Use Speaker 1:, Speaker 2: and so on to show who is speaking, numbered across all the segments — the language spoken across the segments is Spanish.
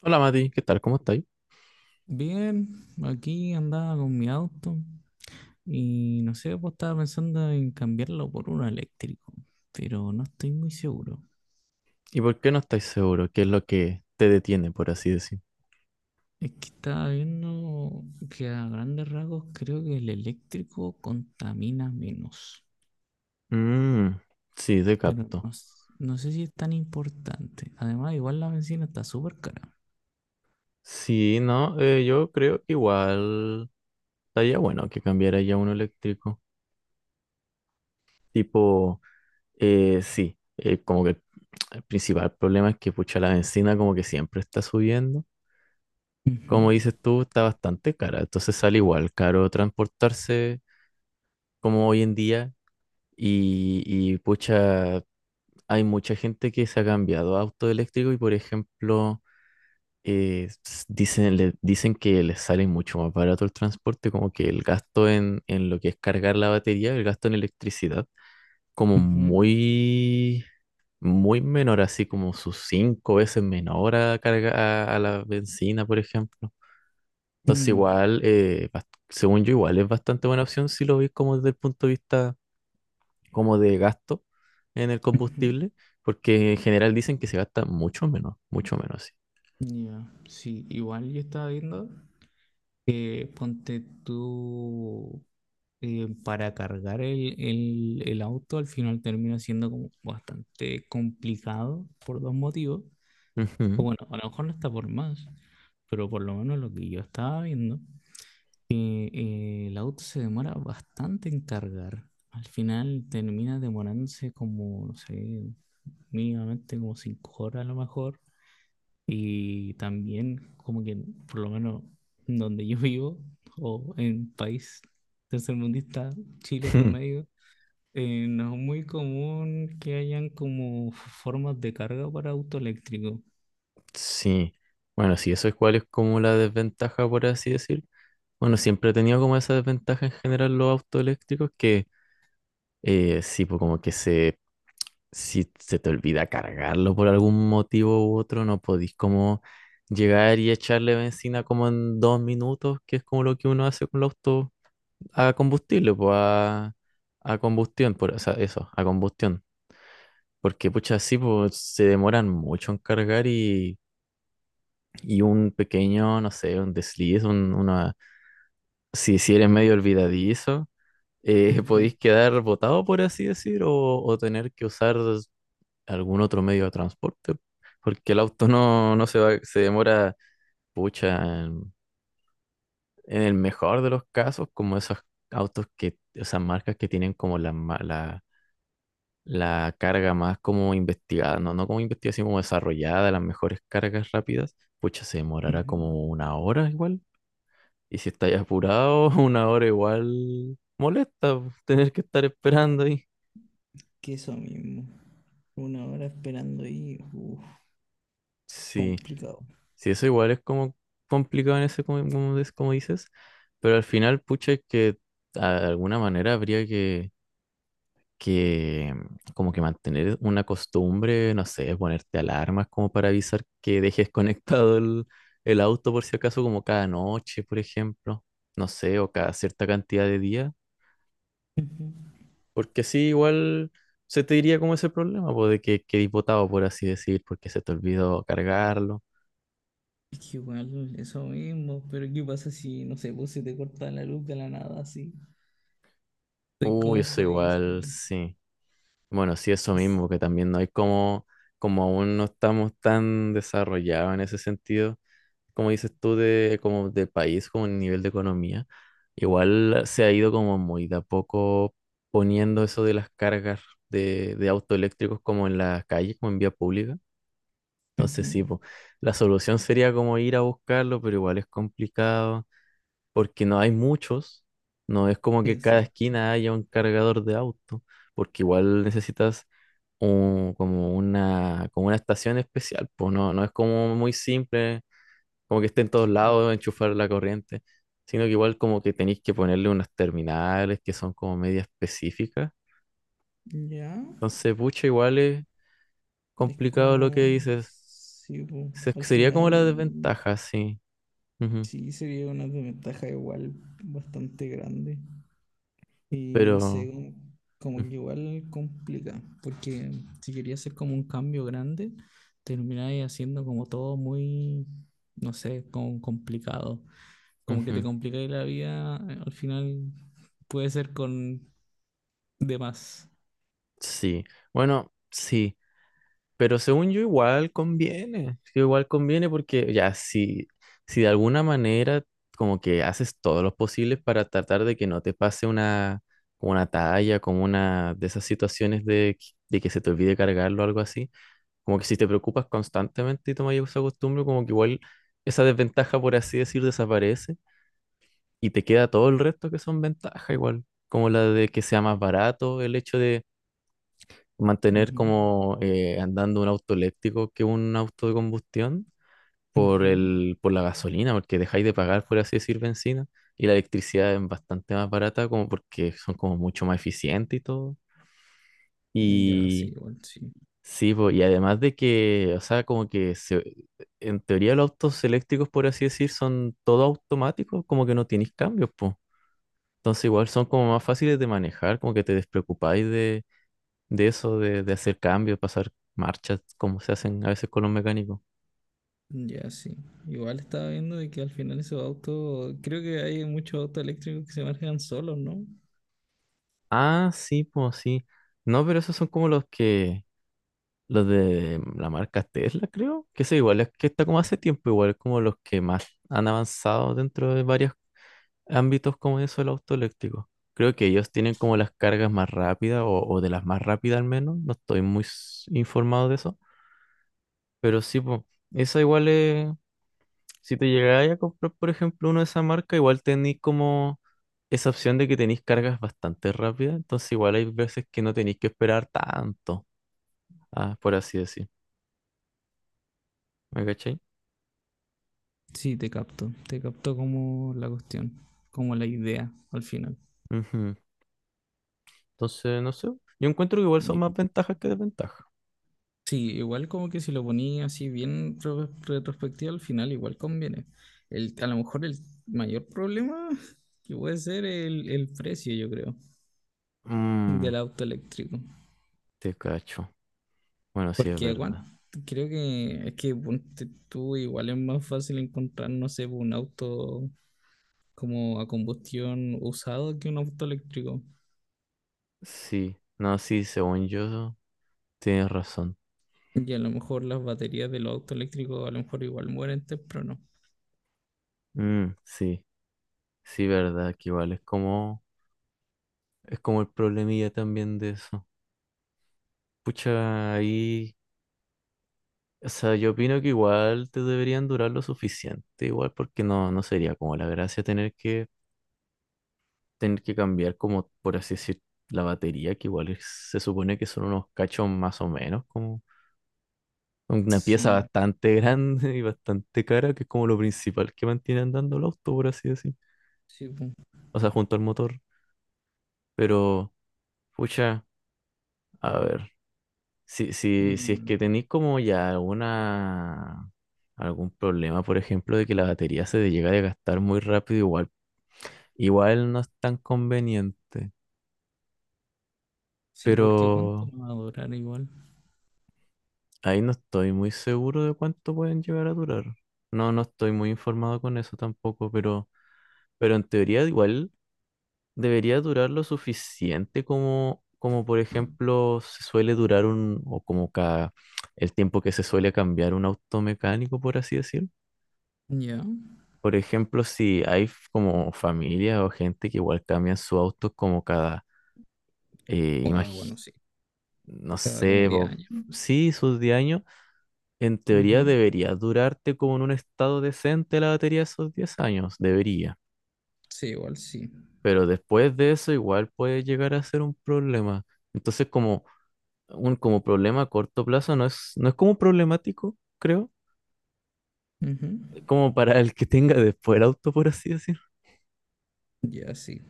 Speaker 1: Hola Mati, ¿qué tal? ¿Cómo estáis?
Speaker 2: Bien, aquí andaba con mi auto y no sé, pues estaba pensando en cambiarlo por uno eléctrico, pero no estoy muy seguro.
Speaker 1: ¿Y por qué no estáis seguro? ¿Qué es lo que te detiene, por así decir?
Speaker 2: Es que estaba viendo que a grandes rasgos creo que el eléctrico contamina menos,
Speaker 1: Mmm, sí, te
Speaker 2: pero
Speaker 1: capto.
Speaker 2: no, no sé si es tan importante. Además, igual la bencina está súper cara.
Speaker 1: Sí, no, yo creo que igual estaría bueno que cambiara ya uno eléctrico. Tipo, sí, como que el principal problema es que pucha la bencina como que siempre está subiendo.
Speaker 2: Ujú,
Speaker 1: Como dices tú, está bastante cara, entonces sale igual caro transportarse como hoy en día y pucha, hay mucha gente que se ha cambiado a auto eléctrico y, por ejemplo, dicen que les sale mucho más barato el transporte, como que el gasto en lo que es cargar la batería, el gasto en electricidad, como
Speaker 2: ujú,
Speaker 1: muy, muy menor, así como sus 5 veces menor a la benzina, por ejemplo. Entonces,
Speaker 2: mm,
Speaker 1: igual, según yo, igual es bastante buena opción si lo ves como desde el punto de vista como de gasto en el
Speaker 2: ujú.
Speaker 1: combustible, porque en general dicen que se gasta mucho menos, sí.
Speaker 2: Ya, sí, igual yo estaba viendo. Ponte tú para cargar el auto, al final termina siendo como bastante complicado por dos motivos. O
Speaker 1: Ujú.
Speaker 2: bueno, a lo mejor no está por más, pero por lo menos lo que yo estaba viendo, que el auto se demora bastante en cargar. Al final termina demorándose como, no sé, mínimamente como 5 horas a lo mejor. Y también, como que por lo menos donde yo vivo, o en país tercermundista, Chile
Speaker 1: Ujú.
Speaker 2: promedio, no es muy común que hayan como formas de carga para auto eléctrico.
Speaker 1: Sí, bueno, sí, eso es cuál es como la desventaja, por así decir. Bueno, siempre he tenido como esa desventaja en general los autos eléctricos que sí, pues como que si se te olvida cargarlo por algún motivo u otro, no podís como llegar y echarle benzina como en 2 minutos, que es como lo que uno hace con los autos a combustible, pues a combustión, o sea, eso, a combustión. Porque, pucha, sí, pues se demoran mucho en cargar y un pequeño, no sé, un desliz, una, si eres medio olvidadizo,
Speaker 2: Ujú,
Speaker 1: podéis quedar botado, por así decir, o tener que usar algún otro medio de transporte. Porque el auto no se va, se demora, pucha, en el mejor de los casos, como esos autos que, esas marcas que tienen como la, ma- la la carga más como investigada, no como investigada, sino como desarrollada, las mejores cargas rápidas, pucha, se demorará
Speaker 2: ujú.
Speaker 1: como 1 hora igual. Y si estáis apurado, 1 hora igual molesta, po, tener que estar esperando ahí.
Speaker 2: Que eso mismo. 1 hora esperando ahí, uf,
Speaker 1: Sí,
Speaker 2: complicado.
Speaker 1: sí, eso igual es como complicado en ese, como, como des- como dices, pero al final, pucha, es que de alguna manera habría que como que mantener una costumbre, no sé, ponerte alarmas como para avisar que dejes conectado el auto por si acaso, como cada noche, por ejemplo, no sé, o cada cierta cantidad de días,
Speaker 2: Ujú.
Speaker 1: porque así igual se te diría como ese problema, pues de que quedé botado, por así decir, porque se te olvidó cargarlo.
Speaker 2: Es que igual, eso mismo, pero ¿qué pasa si, no sé, pues se te corta la luz de la nada así? Estoy
Speaker 1: Uy,
Speaker 2: como
Speaker 1: eso igual,
Speaker 2: jodidísimo.
Speaker 1: sí. Bueno, sí, eso
Speaker 2: Es-
Speaker 1: mismo, que también no hay como aún no estamos tan desarrollados en ese sentido, como dices tú, como de país, como en nivel de economía, igual se ha ido como muy de a poco poniendo eso de las cargas de autos eléctricos como en las calles, como en vía pública. Entonces sí,
Speaker 2: Ujú.
Speaker 1: po, la solución sería como ir a buscarlo, pero igual es complicado porque no hay muchos, no es como que cada
Speaker 2: Exacto.
Speaker 1: esquina haya un cargador de auto, porque igual necesitas como una estación especial, pues no es como muy simple, como que esté en todos
Speaker 2: Sí, po.
Speaker 1: lados, enchufar la corriente, sino que igual como que tenéis que ponerle unas terminales que son como media específicas.
Speaker 2: Ya,
Speaker 1: Entonces, pucha, igual es
Speaker 2: es
Speaker 1: complicado lo que
Speaker 2: como,
Speaker 1: dices.
Speaker 2: sí, po. Al
Speaker 1: Sería como la
Speaker 2: final,
Speaker 1: desventaja, sí. Ujú.
Speaker 2: sí, sería una desventaja igual bastante grande. Y no sé,
Speaker 1: Pero,
Speaker 2: como,
Speaker 1: ujú,
Speaker 2: como que igual complica, porque si querías hacer como un cambio grande, termináis haciendo como todo muy, no sé, como complicado. Como que te
Speaker 1: ujú.
Speaker 2: complicáis la vida, al final puede ser con demás.
Speaker 1: Sí. Bueno, sí. Pero según yo igual conviene, sí, igual conviene porque ya si de alguna manera como que haces todos los posibles para tratar de que no te pase una, como una talla, como una de esas situaciones de que se te olvide cargarlo o algo así, como que si te preocupas constantemente y tomas esa costumbre, como que igual esa desventaja, por así decir, desaparece y te queda todo el resto que son ventajas igual, como la de que sea más barato, el hecho de mantener
Speaker 2: Ujú.
Speaker 1: como andando un auto eléctrico que un auto de combustión
Speaker 2: Ujú.
Speaker 1: por la gasolina, porque dejáis de pagar, por así decir, bencina, y la electricidad es bastante más barata como porque son como mucho más eficientes y todo.
Speaker 2: Ya, sí,
Speaker 1: Y
Speaker 2: igual sí.
Speaker 1: sí, po, y además de que, o sea, como que en teoría los autos eléctricos, por así decir, son todo automáticos, como que no tenéis cambios, pues. Entonces igual son como más fáciles de manejar, como que te despreocupáis de eso, de hacer cambios, pasar marchas, como se hacen a veces con los mecánicos.
Speaker 2: Ya, sí. Igual estaba viendo de que al final esos autos, creo que hay muchos autos eléctricos que se manejan solos, ¿no?
Speaker 1: Ah, sí, pues sí. No, pero esos son como los de la marca Tesla, creo, que eso igual es que está como hace tiempo, igual como los que más han avanzado dentro de varios ámbitos como eso del auto eléctrico. Creo que ellos tienen como las cargas más rápidas o de las más rápidas al menos, no estoy muy s- informado de eso, pero sí, pues, esa igual es, si te llegáis a comprar, por ejemplo, uno de esa marca, igual tenéis como esa opción de que tenéis cargas bastante rápidas, entonces igual hay veces que no tenéis que esperar tanto, ah, por así decir. ¿Me cachai?
Speaker 2: Sí, te capto como la cuestión, como la idea al final.
Speaker 1: Ujú. Entonces, no sé. Yo encuentro que igual son
Speaker 2: Y-
Speaker 1: más ventajas que desventajas.
Speaker 2: sí, igual como que si lo ponía así bien retrospectivo al final, igual conviene. El, a lo mejor el mayor problema que puede ser el precio, yo creo,
Speaker 1: Mm,
Speaker 2: del auto eléctrico.
Speaker 1: te cacho. Bueno, sí, es
Speaker 2: Porque aguanta.
Speaker 1: verdad.
Speaker 2: Creo que es que ponte tú igual es más fácil encontrar, no sé, un auto como a combustión usado que un auto eléctrico.
Speaker 1: Sí, no, sí, según yo, tienes razón.
Speaker 2: Y a lo mejor las baterías de los autos eléctricos a lo mejor igual mueren temprano.
Speaker 1: Mm, sí, sí, verdad, que igual es como el problemilla también de eso. Pucha, ahí. O sea, yo opino que igual te deberían durar lo suficiente, igual porque no sería como la gracia tener que cambiar como, por así decir, la batería, que igual es- se supone que son unos cachos más o menos, como una pieza
Speaker 2: Sí,
Speaker 1: bastante grande y bastante cara, que es como lo principal que mantiene andando el auto, por así decir.
Speaker 2: sí,
Speaker 1: O sea, junto al motor. Pero, pucha, a ver, si es
Speaker 2: mm,
Speaker 1: que tenéis como ya alguna algún problema, por ejemplo, de que la batería se llega a desgastar muy rápido, igual. Igual no es tan conveniente,
Speaker 2: sí, porque ¿cuánto
Speaker 1: pero
Speaker 2: va a durar igual?
Speaker 1: ahí no estoy muy seguro de cuánto pueden llegar a durar. No, no estoy muy informado con eso tampoco, pero en teoría igual debería durar lo suficiente como, como por ejemplo se suele durar o como cada, el tiempo que se suele cambiar un auto mecánico, por así decir.
Speaker 2: Ya.
Speaker 1: Por ejemplo, si hay f- como familias o gente que igual cambian su auto como cada, eh,
Speaker 2: Ah,
Speaker 1: imagi-
Speaker 2: bueno, sí,
Speaker 1: no
Speaker 2: cada como
Speaker 1: sé,
Speaker 2: 10
Speaker 1: po,
Speaker 2: años.
Speaker 1: sí, sus 10 años. En teoría
Speaker 2: Ujú.
Speaker 1: debería durarte como en un estado decente la batería esos 10 años, debería.
Speaker 2: Sí, igual sí.
Speaker 1: Pero después de eso igual puede llegar a ser un problema. Entonces como un como problema a corto plazo no es como problemático, creo,
Speaker 2: Ujú.
Speaker 1: como para el que tenga después el auto, por así decirlo.
Speaker 2: Ya sí.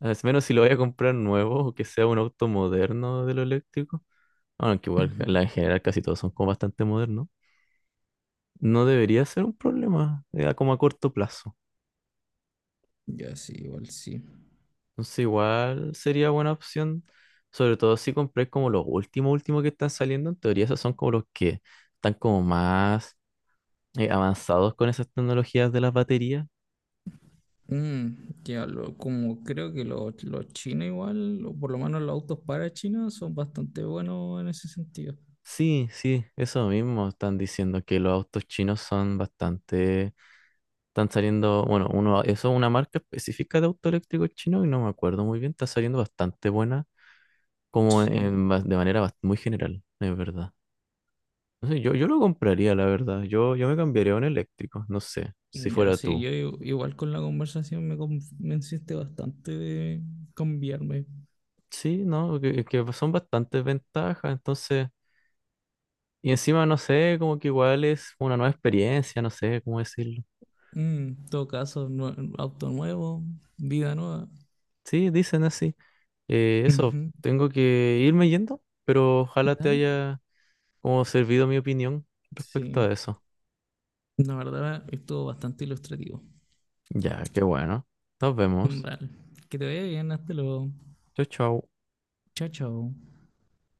Speaker 1: Al menos si lo voy a comprar nuevo o que sea un auto moderno de lo eléctrico. Aunque igual
Speaker 2: Ujú.
Speaker 1: la- en general casi todos son como bastante modernos. No debería ser un problema, como a corto plazo.
Speaker 2: Ya sí, igual sí.
Speaker 1: Entonces igual sería buena opción, sobre todo si compré como los últimos, últimos que están saliendo, en teoría esos son como los que están como más avanzados con esas tecnologías de las baterías.
Speaker 2: Mm, ya lo, como creo que los chinos igual, o por lo menos los autos para China son bastante buenos en ese sentido.
Speaker 1: Sí, sí, eso mismo están diciendo que los autos chinos son bastante, están saliendo, bueno, uno, eso es una marca específica de auto eléctrico chino y no me acuerdo muy bien, está saliendo bastante buena, como
Speaker 2: Sí,
Speaker 1: de manera muy general, es verdad. No sé, yo lo compraría, la verdad. Yo me cambiaría a un eléctrico, no sé, si
Speaker 2: mm, ya,
Speaker 1: fuera
Speaker 2: sí,
Speaker 1: tú.
Speaker 2: yo igual con la conversación me convenciste bastante de cambiarme.
Speaker 1: Sí, no, que son bastantes ventajas, entonces. Y encima, no sé, como que igual es una nueva experiencia, no sé cómo decirlo.
Speaker 2: Mm, en todo caso, auto nuevo, vida nueva.
Speaker 1: Sí, dicen así. Eso,
Speaker 2: Ujú.
Speaker 1: tengo que irme yendo, pero ojalá te
Speaker 2: Dale.
Speaker 1: haya como servido mi opinión respecto
Speaker 2: Sí,
Speaker 1: a eso.
Speaker 2: la verdad estuvo bastante ilustrativo.
Speaker 1: Ya, qué bueno. Nos vemos.
Speaker 2: Vale, que te vaya bien, hasta luego.
Speaker 1: Chau, chau.
Speaker 2: Chao, chao.